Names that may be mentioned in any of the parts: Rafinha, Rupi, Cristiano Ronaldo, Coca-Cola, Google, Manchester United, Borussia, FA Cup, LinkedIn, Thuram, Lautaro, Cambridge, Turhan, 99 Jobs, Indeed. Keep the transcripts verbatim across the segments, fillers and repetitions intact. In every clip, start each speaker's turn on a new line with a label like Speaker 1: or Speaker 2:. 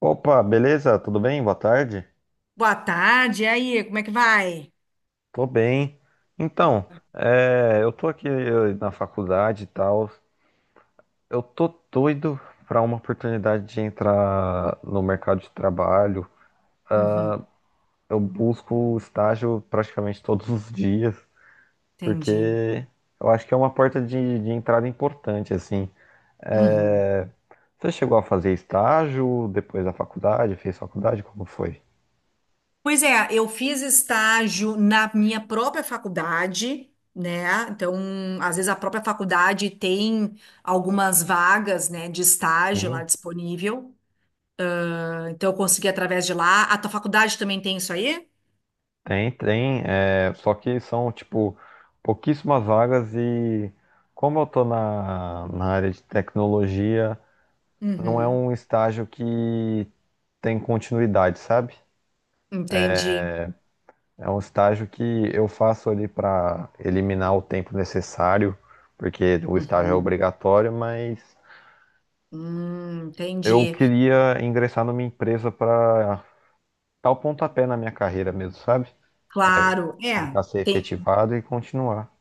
Speaker 1: Opa, beleza? Tudo bem? Boa tarde.
Speaker 2: Boa tarde, e aí, como é que vai?
Speaker 1: Tô bem. Então,
Speaker 2: Boa.
Speaker 1: é, eu tô aqui eh, na faculdade e tal. Eu tô doido pra uma oportunidade de entrar no mercado de trabalho.
Speaker 2: Uhum,
Speaker 1: Eu busco estágio praticamente todos os dias,
Speaker 2: entendi.
Speaker 1: porque eu acho que é uma porta de, de entrada importante, assim.
Speaker 2: Uhum.
Speaker 1: É, você chegou a fazer estágio depois da faculdade? Fez faculdade? Como foi?
Speaker 2: Pois é, eu fiz estágio na minha própria faculdade, né? Então, às vezes a própria faculdade tem algumas vagas, né, de estágio lá
Speaker 1: Sim.
Speaker 2: disponível. Ah, então, eu consegui através de lá. A tua faculdade também tem isso aí?
Speaker 1: Tem, tem, é, só que são, tipo, pouquíssimas vagas e como eu tô na, na área de tecnologia, não é
Speaker 2: Uhum,
Speaker 1: um estágio que tem continuidade, sabe?
Speaker 2: entendi.
Speaker 1: É um estágio que eu faço ali para eliminar o tempo necessário, porque o estágio é
Speaker 2: Uhum.
Speaker 1: obrigatório, mas
Speaker 2: Hum,
Speaker 1: eu
Speaker 2: entendi.
Speaker 1: queria ingressar numa empresa para dar o pontapé na minha carreira mesmo, sabe? É,
Speaker 2: Claro,
Speaker 1: tentar
Speaker 2: é.
Speaker 1: ser
Speaker 2: Tem.
Speaker 1: efetivado e continuar.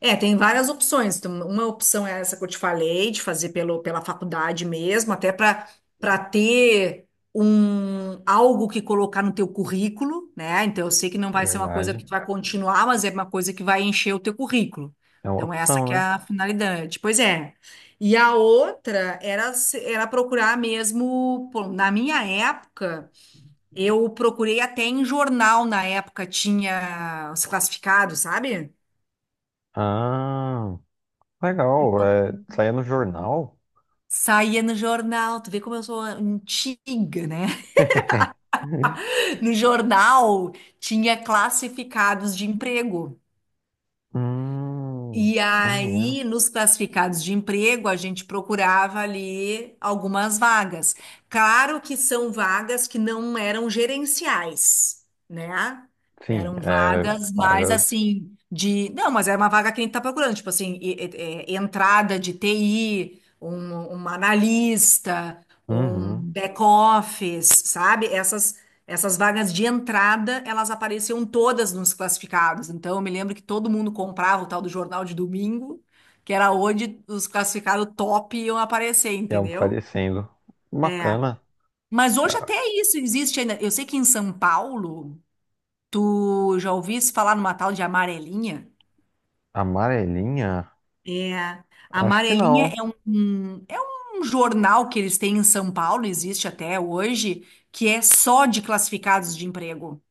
Speaker 2: É, tem várias opções. Então, uma opção é essa que eu te falei, de fazer pelo, pela faculdade mesmo, até para para ter um algo que colocar no teu currículo, né? Então eu sei que não
Speaker 1: É
Speaker 2: vai ser uma coisa que
Speaker 1: verdade.
Speaker 2: tu vai continuar, mas é uma coisa que vai encher o teu currículo.
Speaker 1: É uma
Speaker 2: Então essa
Speaker 1: opção,
Speaker 2: que é
Speaker 1: né?
Speaker 2: a finalidade. Pois é. E a outra era se- era procurar mesmo, pô, na minha época, eu procurei até em jornal, na época tinha os classificados, sabe?
Speaker 1: Ah, legal. É, saía no jornal?
Speaker 2: Saía no jornal, tu vê como eu sou antiga, né? No jornal tinha classificados de emprego.
Speaker 1: Hum,
Speaker 2: E
Speaker 1: maneiro.
Speaker 2: aí, nos classificados de emprego, a gente procurava ali algumas vagas. Claro que são vagas que não eram gerenciais, né?
Speaker 1: Sim,
Speaker 2: Eram
Speaker 1: é,
Speaker 2: vagas mais
Speaker 1: vagas.
Speaker 2: assim de. Não, mas era uma vaga que a gente está procurando, tipo assim, e- e- é, entrada de T I, um, um analista, um
Speaker 1: Uhum,
Speaker 2: back office, sabe? Essas, essas vagas de entrada, elas apareciam todas nos classificados. Então, eu me lembro que todo mundo comprava o tal do jornal de domingo, que era onde os classificados top iam aparecer,
Speaker 1: iam
Speaker 2: entendeu?
Speaker 1: aparecendo.
Speaker 2: É.
Speaker 1: Bacana.
Speaker 2: Mas hoje até isso existe ainda. Eu sei que em São Paulo, tu já ouvisse falar numa tal de amarelinha?
Speaker 1: Amarelinha?
Speaker 2: É.
Speaker 1: Acho que
Speaker 2: Amarelinha
Speaker 1: não.
Speaker 2: é um, um- é um jornal que eles têm em São Paulo, existe até hoje, que é só de classificados de emprego.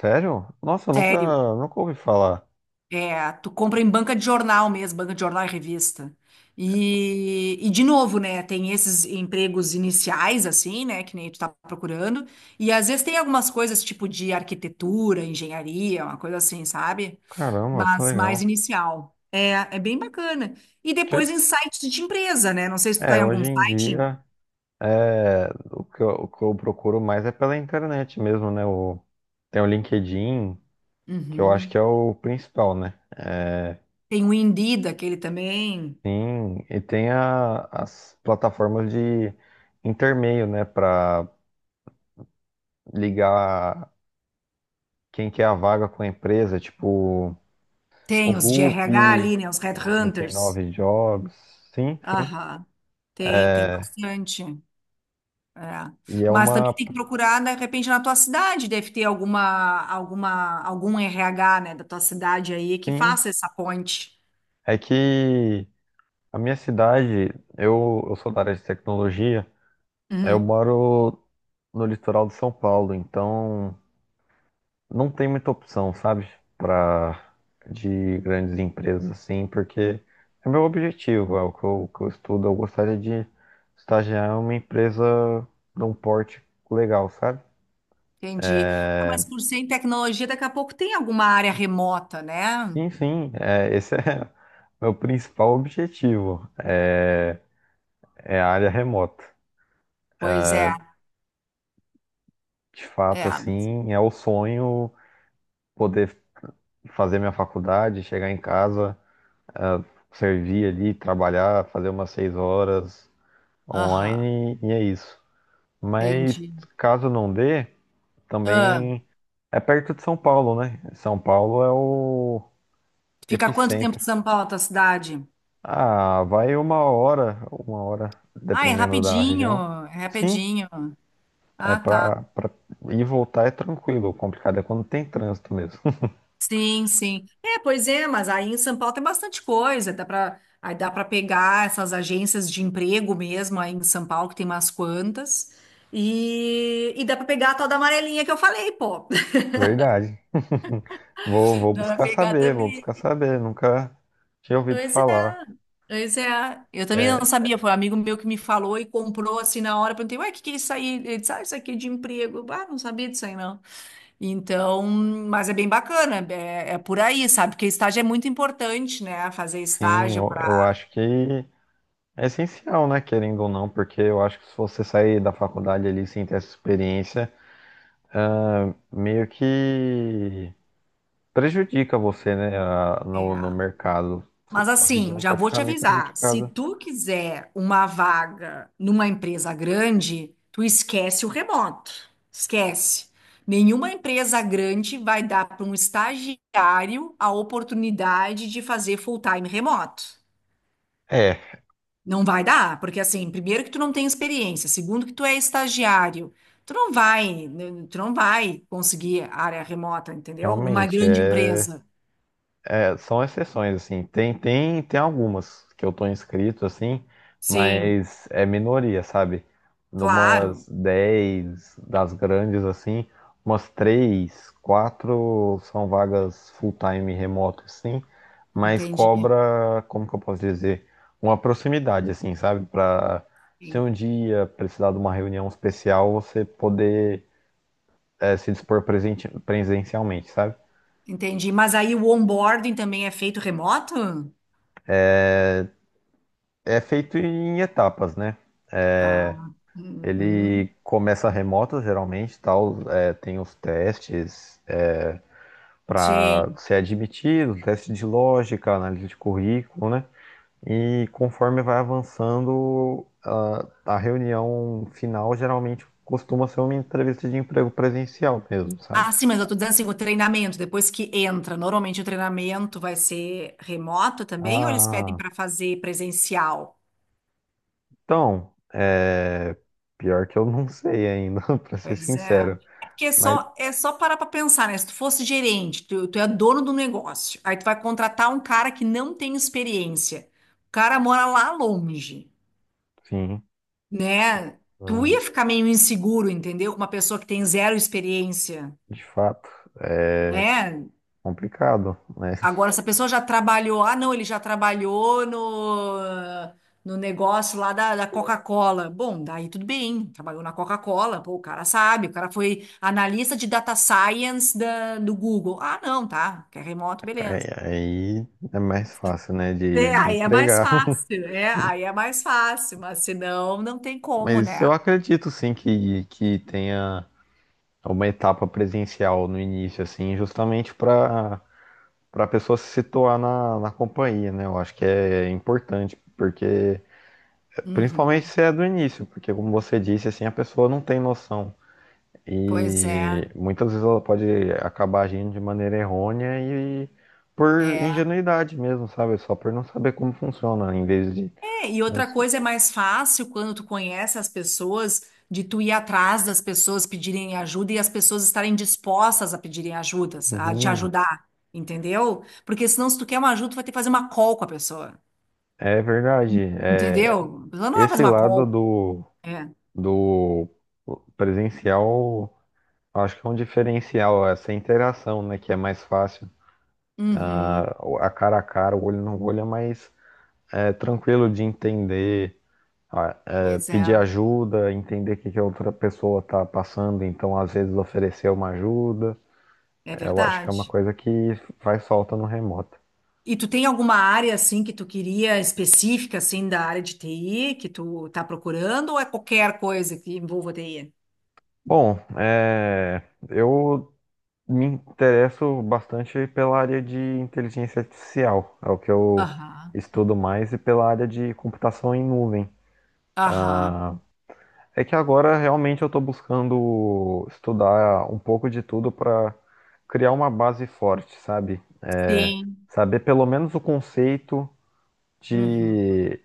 Speaker 1: Sério? Nossa, eu nunca,
Speaker 2: Sério.
Speaker 1: nunca ouvi falar.
Speaker 2: É, tu compra em banca de jornal mesmo, banca de jornal e revista. E, e de novo, né, tem esses empregos iniciais, assim, né, que nem tu tá procurando. E às vezes tem algumas coisas tipo de arquitetura, engenharia, uma coisa assim, sabe?
Speaker 1: Caramba, que
Speaker 2: Mas mais
Speaker 1: legal.
Speaker 2: inicial. É, é bem bacana. E depois
Speaker 1: Que-
Speaker 2: em sites de empresa, né? Não sei se tu tá
Speaker 1: É,
Speaker 2: em
Speaker 1: hoje
Speaker 2: algum
Speaker 1: em
Speaker 2: site.
Speaker 1: dia, é, o que eu, o que eu procuro mais é pela internet mesmo, né? O, tem o LinkedIn, que eu acho que
Speaker 2: Uhum.
Speaker 1: é o principal, né? É,
Speaker 2: Tem o Indeed, aquele também.
Speaker 1: sim, e tem a- as plataformas de intermeio, né, para ligar quem quer a vaga com a empresa, tipo o
Speaker 2: Tem os de R H
Speaker 1: Rupi,
Speaker 2: ali, né, os
Speaker 1: o
Speaker 2: Headhunters.
Speaker 1: noventa e nove Jobs, sim, sim.
Speaker 2: Aham. Tem, tem
Speaker 1: É,
Speaker 2: bastante. É.
Speaker 1: e é
Speaker 2: Mas também
Speaker 1: uma,
Speaker 2: tem que procurar, de repente, na tua cidade, deve ter alguma, alguma, algum R H, né, da tua cidade aí que
Speaker 1: sim,
Speaker 2: faça essa ponte.
Speaker 1: é que a minha cidade, eu, eu sou da área de tecnologia, eu
Speaker 2: Uhum.
Speaker 1: moro no litoral de São Paulo, então não tem muita opção, sabe? Pra, de grandes empresas, assim, porque é meu objetivo, é o que eu, que eu estudo. Eu gostaria de estagiar em uma empresa de um porte legal, sabe?
Speaker 2: Entendi. Ah, mas por ser em tecnologia, daqui a pouco tem alguma área remota, né?
Speaker 1: Enfim, é, esse é meu principal objetivo, é, é a área remota.
Speaker 2: Pois é,
Speaker 1: De fato,
Speaker 2: é.
Speaker 1: assim, é o sonho poder fazer minha faculdade, chegar em casa, ah, servir ali, trabalhar, fazer umas seis horas,
Speaker 2: Aham,
Speaker 1: online e é isso. Mas
Speaker 2: entendi.
Speaker 1: caso não dê,
Speaker 2: Ah,
Speaker 1: também é perto de São Paulo, né? São Paulo é o
Speaker 2: fica quanto tempo
Speaker 1: epicentro.
Speaker 2: de São Paulo, a tua cidade?
Speaker 1: Ah, vai uma hora, uma hora,
Speaker 2: Ah, é
Speaker 1: dependendo da
Speaker 2: rapidinho,
Speaker 1: região.
Speaker 2: é
Speaker 1: Sim,
Speaker 2: rapidinho.
Speaker 1: é
Speaker 2: Ah, tá.
Speaker 1: pra, pra ir e voltar é tranquilo. O complicado é quando tem trânsito mesmo.
Speaker 2: Sim, sim. É, pois é, mas aí em São Paulo tem bastante coisa, dá para aí dá para pegar essas agências de emprego mesmo aí em São Paulo, que tem umas quantas. E, e dá para pegar a tal da amarelinha que eu falei, pô.
Speaker 1: Verdade. Vou, vou
Speaker 2: Dá para
Speaker 1: buscar
Speaker 2: pegar
Speaker 1: saber, vou
Speaker 2: também.
Speaker 1: buscar saber. Nunca tinha ouvido
Speaker 2: Pois é.
Speaker 1: falar.
Speaker 2: Pois é. Eu também não
Speaker 1: É,
Speaker 2: sabia, foi um amigo meu que me falou e comprou assim na hora, perguntei, ué, o que que é isso aí? Ele disse, ah, isso aqui é de emprego. Eu, ah, não sabia disso aí, não. Então, mas é bem bacana, é, é por aí, sabe? Porque estágio é muito importante, né? Fazer
Speaker 1: sim,
Speaker 2: estágio.
Speaker 1: eu, eu acho que é essencial, né, querendo ou não, porque eu acho que se você sair da faculdade ali sem ter essa experiência, meio que prejudica você, né, a- no, no
Speaker 2: É.
Speaker 1: mercado. Su-
Speaker 2: Mas
Speaker 1: Sua
Speaker 2: assim,
Speaker 1: visão
Speaker 2: já
Speaker 1: pode
Speaker 2: vou
Speaker 1: ficar
Speaker 2: te
Speaker 1: meio
Speaker 2: avisar, se
Speaker 1: prejudicada.
Speaker 2: tu quiser uma vaga numa empresa grande, tu esquece o remoto. Esquece. Nenhuma empresa grande vai dar para um estagiário a oportunidade de fazer full-time remoto.
Speaker 1: É,
Speaker 2: Não vai dar, porque assim, primeiro que tu não tem experiência, segundo que tu é estagiário. Tu não vai, né, tu não vai conseguir área remota, entendeu? Numa
Speaker 1: realmente,
Speaker 2: grande
Speaker 1: é.
Speaker 2: empresa.
Speaker 1: É, são exceções, assim. Tem, tem, tem algumas que eu tô inscrito, assim,
Speaker 2: Sim,
Speaker 1: mas é minoria, sabe?
Speaker 2: claro,
Speaker 1: Numas dez das grandes, assim, umas três quatro são vagas full-time remoto, assim, mas
Speaker 2: entendi.
Speaker 1: cobra, como que eu posso dizer? Uma proximidade, assim, sabe? Pra se um dia precisar de uma reunião especial, você poder, é, se dispor presente, presencialmente, sabe?
Speaker 2: Entendi. Mas aí o onboarding também é feito remoto?
Speaker 1: É feito em etapas, né?
Speaker 2: Ah,
Speaker 1: Ele
Speaker 2: uhum.
Speaker 1: começa remoto, geralmente, tal, é, tem os testes para
Speaker 2: Sim.
Speaker 1: ser admitido, teste de lógica, análise de currículo, né? E conforme vai avançando, a, a reunião final geralmente costuma ser uma entrevista de emprego presencial mesmo, sabe?
Speaker 2: Ah, sim, mas eu tô dizendo assim, o treinamento, depois que entra, normalmente o treinamento vai ser remoto também, ou eles pedem
Speaker 1: Ah,
Speaker 2: para fazer presencial?
Speaker 1: então, é, pior que eu não sei ainda, para ser
Speaker 2: Pois é.
Speaker 1: sincero.
Speaker 2: É porque é
Speaker 1: Mas,
Speaker 2: só, é só parar para pensar, né? Se tu fosse gerente, tu, tu é dono do negócio, aí tu vai contratar um cara que não tem experiência. O cara mora lá longe,
Speaker 1: sim,
Speaker 2: né? Tu
Speaker 1: hum,
Speaker 2: ia ficar meio inseguro, entendeu? Com uma pessoa que tem zero experiência,
Speaker 1: de fato, é
Speaker 2: né?
Speaker 1: complicado, né?
Speaker 2: Agora, se a pessoa já trabalhou, ah, não, ele já trabalhou no, no negócio lá da, da Coca-Cola. Bom, daí tudo bem, trabalhou na Coca-Cola, pô, o cara sabe, o cara foi analista de data science da, do Google. Ah, não, tá, quer remoto,
Speaker 1: Aí,
Speaker 2: beleza.
Speaker 1: aí é mais fácil, né, de,
Speaker 2: É,
Speaker 1: de
Speaker 2: aí é mais
Speaker 1: entregar.
Speaker 2: fácil, é, aí é mais fácil, mas senão não tem como,
Speaker 1: Mas
Speaker 2: né?
Speaker 1: eu acredito sim que, que tenha uma etapa presencial no início, assim, justamente para para a pessoa se situar na, na companhia, né? Eu acho que é importante, porque principalmente
Speaker 2: Uhum.
Speaker 1: se é do início, porque como você disse, assim, a pessoa não tem noção.
Speaker 2: Pois é,
Speaker 1: E muitas vezes ela pode acabar agindo de maneira errônea e por
Speaker 2: é.
Speaker 1: ingenuidade mesmo, sabe? Só por não saber como funciona, em vez de
Speaker 2: É, e outra
Speaker 1: assim,
Speaker 2: coisa é mais fácil quando tu conhece as pessoas, de tu ir atrás das pessoas pedirem ajuda e as pessoas estarem dispostas a pedirem ajudas, a te
Speaker 1: Uhum,
Speaker 2: ajudar, entendeu? Porque senão, se tu quer uma ajuda, tu vai ter que fazer uma call com a pessoa,
Speaker 1: é verdade. É,
Speaker 2: entendeu? A pessoa não vai fazer
Speaker 1: esse
Speaker 2: uma
Speaker 1: lado
Speaker 2: call.
Speaker 1: do,
Speaker 2: É.
Speaker 1: do presencial, acho que é um diferencial, essa interação, né, que é mais fácil.
Speaker 2: Uhum.
Speaker 1: Ah, a cara a cara, o olho no olho é mais é, tranquilo de entender, ah, é,
Speaker 2: Pois é,
Speaker 1: pedir ajuda, entender o que que a outra pessoa está passando, então às vezes oferecer uma ajuda.
Speaker 2: é
Speaker 1: É, eu acho que é uma
Speaker 2: verdade.
Speaker 1: coisa que faz falta no remoto.
Speaker 2: E tu tem alguma área, assim, que tu queria específica, assim, da área de T I, que tu tá procurando, ou é qualquer coisa que envolva T I?
Speaker 1: Bom, é, eu me interesso bastante pela área de inteligência artificial, é o que eu
Speaker 2: Aham,
Speaker 1: estudo mais, e pela área de computação em nuvem.
Speaker 2: aham.
Speaker 1: É que agora realmente eu estou buscando estudar um pouco de tudo para criar uma base forte, sabe?
Speaker 2: Sim.
Speaker 1: Saber pelo menos o conceito
Speaker 2: Uhum,
Speaker 1: de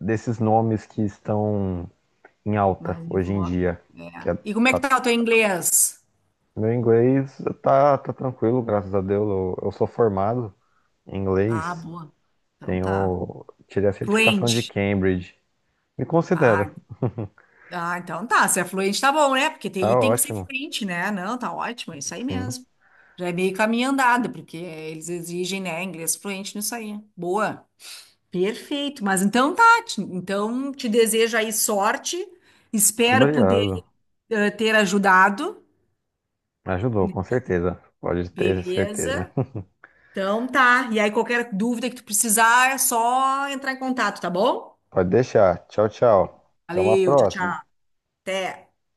Speaker 1: desses nomes que estão em alta
Speaker 2: mais em
Speaker 1: hoje em
Speaker 2: voga.
Speaker 1: dia. Que
Speaker 2: É.
Speaker 1: é-
Speaker 2: E como é que
Speaker 1: tá-
Speaker 2: tá o teu inglês?
Speaker 1: Meu inglês tá, tá tranquilo, graças a Deus. Eu, eu sou formado em
Speaker 2: Ah,
Speaker 1: inglês.
Speaker 2: boa. Então tá.
Speaker 1: Tenho, tirei a certificação de
Speaker 2: Fluente.
Speaker 1: Cambridge. Me considero.
Speaker 2: Ah, ah, então tá. Se é fluente, tá bom, né? Porque
Speaker 1: Tá
Speaker 2: tem tem que ser
Speaker 1: ótimo.
Speaker 2: fluente, né? Não, tá ótimo, é isso aí
Speaker 1: Sim. Muito
Speaker 2: mesmo. Já é meio caminho andado, porque eles exigem, né, inglês fluente nisso aí. Boa. Perfeito. Mas então tá. Ti- Então te desejo aí sorte. Espero poder
Speaker 1: obrigado.
Speaker 2: eh, ter ajudado.
Speaker 1: Me ajudou, com certeza. Pode ter certeza.
Speaker 2: Beleza. Então tá. E aí, qualquer dúvida que tu precisar, é só entrar em contato, tá bom?
Speaker 1: Pode deixar. Tchau, tchau. Até uma
Speaker 2: Valeu, tchau,
Speaker 1: próxima.
Speaker 2: tchau. Até.